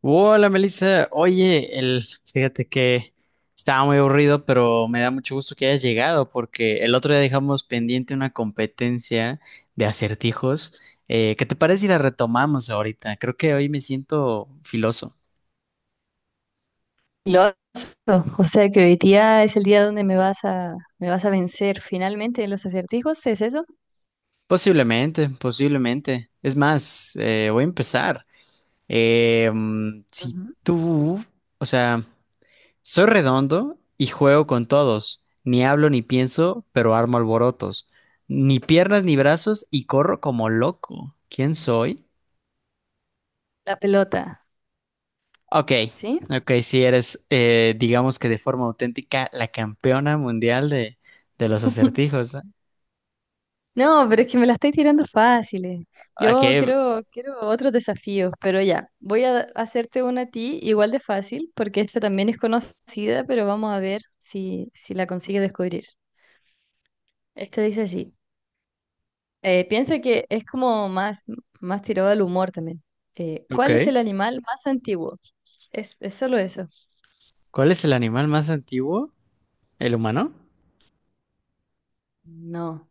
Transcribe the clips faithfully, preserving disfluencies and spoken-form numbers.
Hola Melissa, oye, el, fíjate que estaba muy aburrido, pero me da mucho gusto que hayas llegado porque el otro día dejamos pendiente una competencia de acertijos. Eh, ¿qué te parece si la retomamos ahorita? Creo que hoy me siento filoso. Loco, o sea que hoy día es el día donde me vas a, me vas a vencer finalmente en los acertijos, ¿es eso? Posiblemente, posiblemente. Es más, eh, voy a empezar. Eh, mm, si Ujú. tú, o sea... Soy redondo y juego con todos. Ni hablo ni pienso, pero armo alborotos. Ni piernas ni brazos y corro como loco. ¿Quién soy? La pelota, Ok, ¿sí? ok, si eres, eh, digamos que de forma auténtica, la campeona mundial de, de los acertijos. No, pero es que me la estoy tirando fáciles. Yo Ok, quiero, quiero otros desafíos, pero ya, voy a hacerte una a ti igual de fácil, porque esta también es conocida, pero vamos a ver si, si la consigues descubrir. Esta dice así, eh, piensa que es como más, más tirado al humor también. Eh, ok. ¿cuál es el animal más antiguo? Es, es solo eso. ¿Cuál es el animal más antiguo? ¿El humano? No,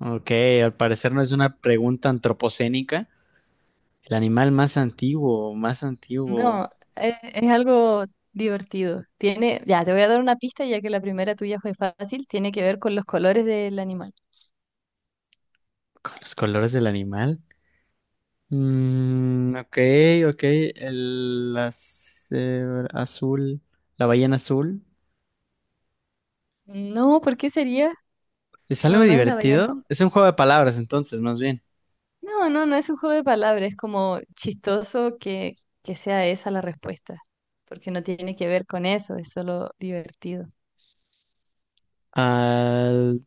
Ok, al parecer no es una pregunta antropocénica. El animal más antiguo, más antiguo, no, es, es algo divertido. Tiene, ya, te voy a dar una pista ya que la primera tuya fue fácil, tiene que ver con los colores del animal. con los colores del animal. Mm, ok, ok. El, las- eh, azul, la ballena azul. No, ¿por qué sería? ¿Es algo No, no es la ballena. divertido? Es un juego de palabras, entonces, más bien. No, no, no es un juego de palabras, es como chistoso que, que sea esa la respuesta, porque no tiene que ver con eso, es solo divertido. Al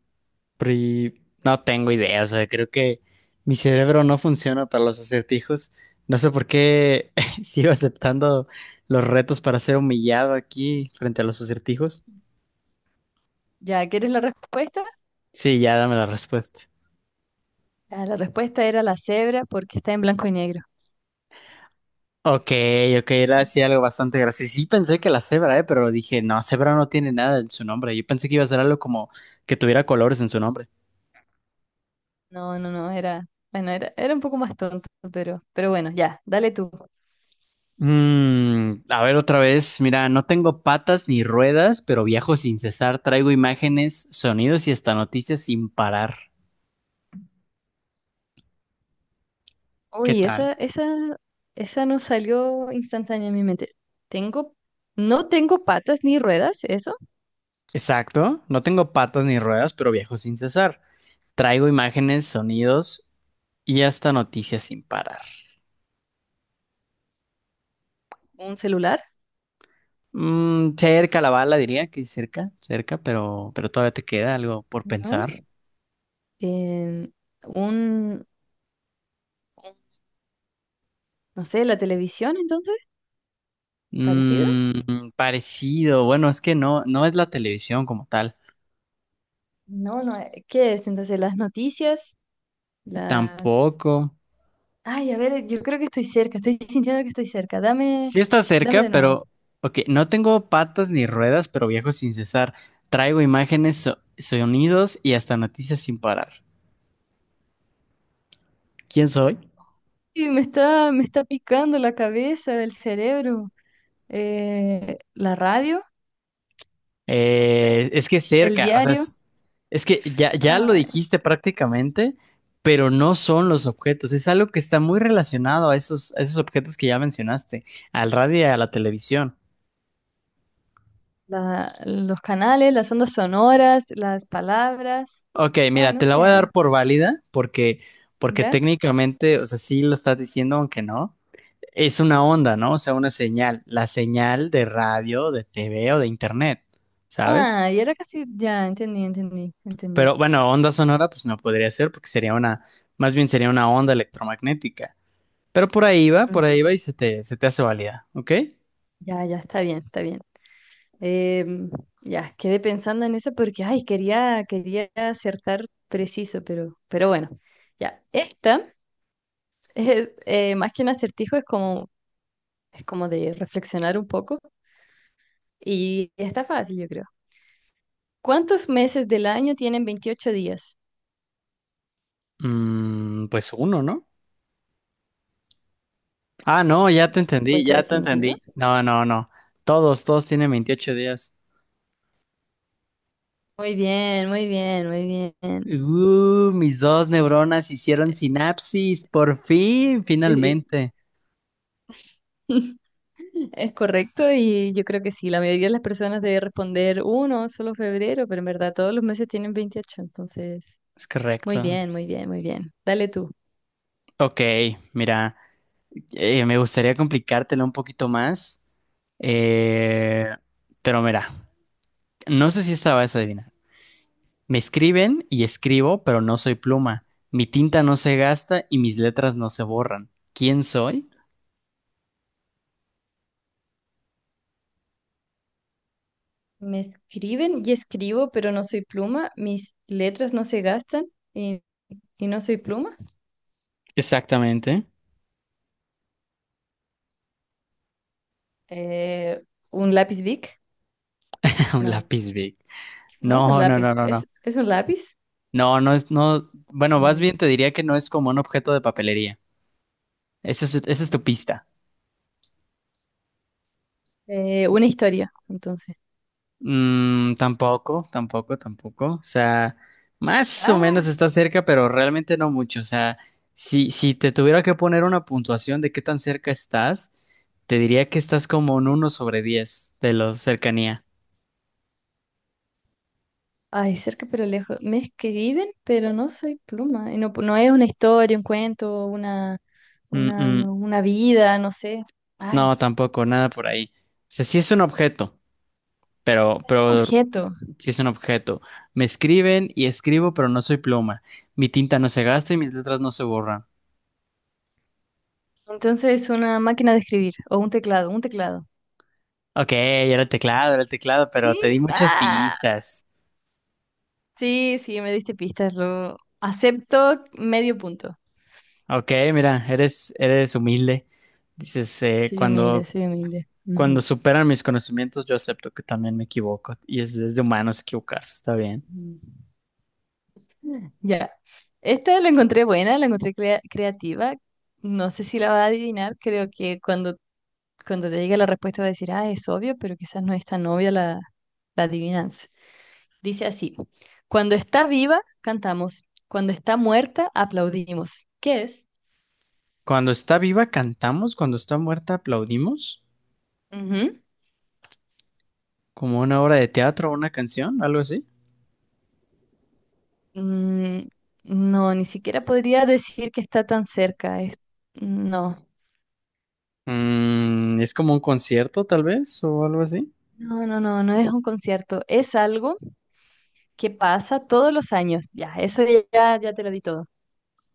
pri- No tengo idea, o sea, creo que mi cerebro no funciona para los acertijos. No sé por qué sigo aceptando los retos para ser humillado aquí frente a los acertijos. ¿Ya quieres la respuesta? Sí, ya dame la respuesta. Ah, la respuesta era la cebra porque está en blanco y negro. Ok, ok, era sí algo bastante gracioso. Sí pensé que la cebra, eh, pero dije, no, cebra no tiene nada en su nombre. Yo pensé que iba a ser algo como que tuviera colores en su nombre. No, no, no, era, bueno, era, era un poco más tonto, pero, pero bueno, ya, dale tú. Mm, a ver otra vez, mira, no tengo patas ni ruedas, pero viajo sin cesar, traigo imágenes, sonidos y hasta noticias sin parar. ¿Qué Uy, tal? esa, esa, esa no salió instantánea en mi mente. Tengo, no tengo patas ni ruedas, eso, Exacto, no tengo patas ni ruedas, pero viajo sin cesar. Traigo imágenes, sonidos y hasta noticias sin parar. un celular, Mm, cerca la bala, diría que cerca, cerca, pero, pero todavía te queda algo por ¿no? pensar. Em, un, un- no sé, la televisión, entonces, parecido. Mm, parecido, bueno, es que no, no es la televisión como tal, No, no, eh, ¿qué es? Entonces, las noticias, las... tampoco. Ay, a ver, yo creo que estoy cerca, estoy sintiendo que estoy cerca. Dame, Sí está dame cerca, de nuevo. pero, ok, no tengo patas ni ruedas, pero viajo sin cesar. Traigo imágenes, so- sonidos y hasta noticias sin parar. ¿Quién soy? Sí, me está, me está picando la cabeza, el cerebro, eh, la radio, no sé, Eh, es que el cerca, o sea, diario. es, es que ya, ya lo Ay. dijiste prácticamente, pero no son los objetos, es algo que está muy relacionado a esos, a esos objetos que ya mencionaste, al radio y a la televisión. La- los canales, las ondas sonoras, las palabras. Ok, Ay, mira, no te la voy a sé. dar por válida porque, porque ¿Ya? técnicamente, o sea, sí lo estás diciendo, aunque no. Es una onda, ¿no? O sea, una señal, la señal de radio, de T V o de internet, ¿sabes? Ah, y era casi. Ya, entendí, entendí, entendí. Pero bueno, onda sonora, pues no podría ser porque sería una, más bien sería una onda electromagnética. Pero por ahí va, por ahí va Ujú. y se te, se te hace válida, ¿ok? Ya, ya, está bien, está bien. Em, ya, quedé pensando en eso porque, ay, quería, quería acertar preciso, pero, pero bueno. Ya, esta es, eh, más que un acertijo, es como, es como de reflexionar un poco. Y está fácil, yo creo. ¿Cuántos meses del año tienen veintiocho días? Mm, pues uno, ¿no? Ah, no, ya te entendí, Respuesta ya te definitiva. entendí. No, no, no. Todos, todos tienen veintiocho días. Muy bien, muy bien, muy bien. Uh, mis dos neuronas hicieron sinapsis, por fin, Sí, sí. finalmente. Es correcto y yo creo que sí, la mayoría de las personas debe responder uno, solo febrero, pero en verdad todos los meses tienen veintiocho entonces, Es muy correcto. bien, muy bien, muy bien. Dale tú. Ok, mira, eh, me gustaría complicártela un poquito más, eh, pero mira, no sé si esta la vas a adivinar. Me escriben y escribo, pero no soy pluma. Mi tinta no se gasta y mis letras no se borran. ¿Quién soy? Me escriben y escribo, pero no soy pluma, mis letras no se gastan y, y no soy pluma. Exactamente. Eh, ¿un lápiz Bic? Un No, lápiz big. no es un No, no, no, lápiz, no, no. es, es un lápiz. No, no es, no. Bueno, más Mm. bien te diría que no es como un objeto de papelería. Esa es, esa es tu pista. Eh, una historia, entonces. Mm, tampoco, tampoco, tampoco. O sea, más o menos Ah. está cerca, pero realmente no mucho. O sea, si, si te tuviera que poner una puntuación de qué tan cerca estás, te diría que estás como en uno sobre diez de la cercanía. Ay, cerca pero lejos. Me escriben, pero no soy pluma. Y no, no es una historia, un cuento, una, Mm, una, mm, una vida, no sé. Ay, no, tampoco, nada por ahí. O sea, sí es un objeto, pero, es un pero objeto. sí es un objeto. Me escriben y escribo, pero no soy pluma. Mi tinta no se gasta y mis letras no se borran. Entonces es una máquina de escribir o un teclado, un teclado. Ok, era el teclado, era el teclado, pero te di Sí, muchas ah, pistas. sí, sí, me diste pistas. Lo acepto medio punto. Ok, mira, eres, eres humilde. Dices, eh, Soy humilde, cuando, soy humilde. cuando Ujú. superan mis conocimientos, yo acepto que también me equivoco. Y es desde humanos equivocarse, está bien. Mm. Ya. Esta la encontré buena, la encontré crea- creativa. No sé si la va a adivinar. Creo que cuando cuando te llegue la respuesta va a decir, ah, es obvio, pero quizás no es tan obvia la, la adivinanza. Dice así, cuando está viva, cantamos, cuando está muerta, aplaudimos. ¿Qué es? Cuando está viva, cantamos. Cuando está muerta, aplaudimos. Ujú. Como una obra de teatro o una canción, algo así. Mm, no, ni siquiera podría decir que está tan cerca. Es- no, Mm, es como un concierto, tal vez, o algo así. no, no, no, no es un concierto. Es algo que pasa todos los años. Ya, eso ya, ya te lo di todo.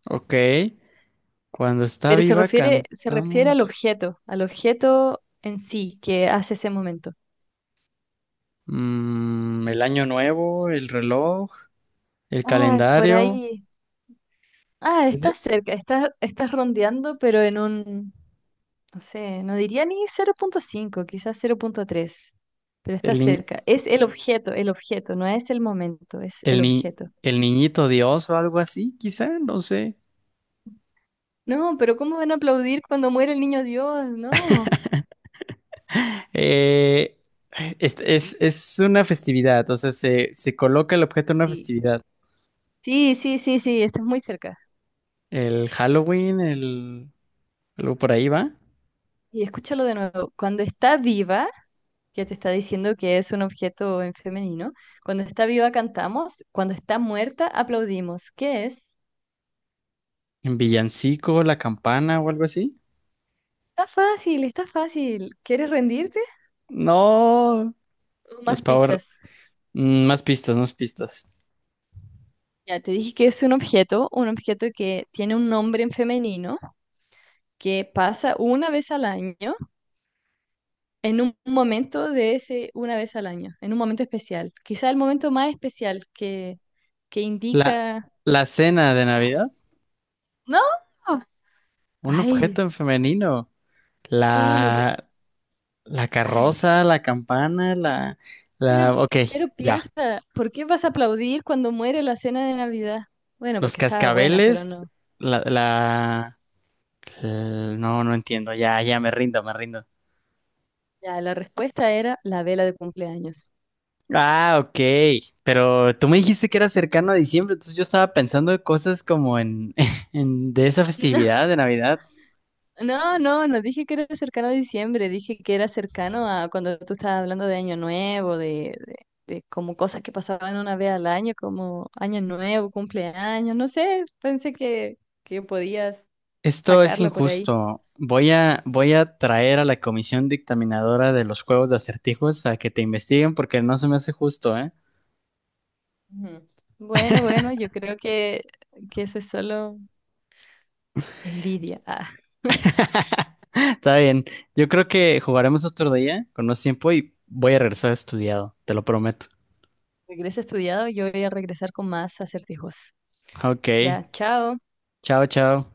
Ok. Cuando está Pero se viva, refiere, se refiere al cantamos. objeto, al objeto en sí que hace ese momento. Mm, el año nuevo, el reloj, el Ay, por calendario. ahí. Ah, Es de- está cerca, está, estás rondeando, pero en un, no sé, no diría ni cero punto cinco, quizás cero punto tres, pero está el, in- cerca. Es el objeto, el objeto, no es el momento, es el El ni- objeto. El niñito Dios o algo así, quizá, no sé. No, pero ¿cómo van a aplaudir cuando muere el niño Dios? No. Eh, es, es- es una festividad, o sea, se, se coloca el objeto en una Sí, festividad. sí, sí, sí, sí, estás muy cerca. El Halloween, el, algo por ahí va. Y escúchalo de nuevo. Cuando está viva, que te está diciendo que es un objeto en femenino, cuando está viva cantamos, cuando está muerta aplaudimos. ¿Qué es? En villancico, la campana o algo así. Está fácil, está fácil. ¿Quieres rendirte? No, los Más Power. pistas. mm, Más pistas, más pistas. Ya te dije que es un objeto, un objeto que tiene un nombre en femenino, que pasa una vez al año, en un momento de ese una vez al año, en un momento especial. Quizá el momento más especial que, que La, indica... la cena de Navidad, No, un objeto ay, en femenino. sí, no... pu- La, la Ay, carroza, la campana, la, pero, la, pi- ok, pero ya. piensa, ¿por qué vas a aplaudir cuando muere la cena de Navidad? Bueno, Los porque estaba buena, pero cascabeles, no. la, la, l- no, no entiendo, ya, ya me rindo, me rindo. Ya, la respuesta era la vela de cumpleaños. Ah, ok, pero tú me dijiste que era cercano a diciembre, entonces yo estaba pensando en cosas como en, en de esa No, festividad de Navidad. no, no, no dije que era cercano a diciembre, dije que era cercano a cuando tú estabas hablando de Año Nuevo, de, de, de como cosas que pasaban una vez al año, como Año Nuevo, cumpleaños, no sé, pensé que, que podías Esto es sacarlo por ahí. injusto. Voy a, voy a traer a la comisión dictaminadora de los juegos de acertijos a que te investiguen porque no se me hace justo, ¿eh? Ujú. Bueno, bueno, yo creo que, que eso es solo envidia. Ah, Está bien. Yo creo que jugaremos otro día con más tiempo y voy a regresar estudiado, te lo prometo. regreso estudiado, yo voy a regresar con más acertijos. Ok, Ya, chao. chao, chao.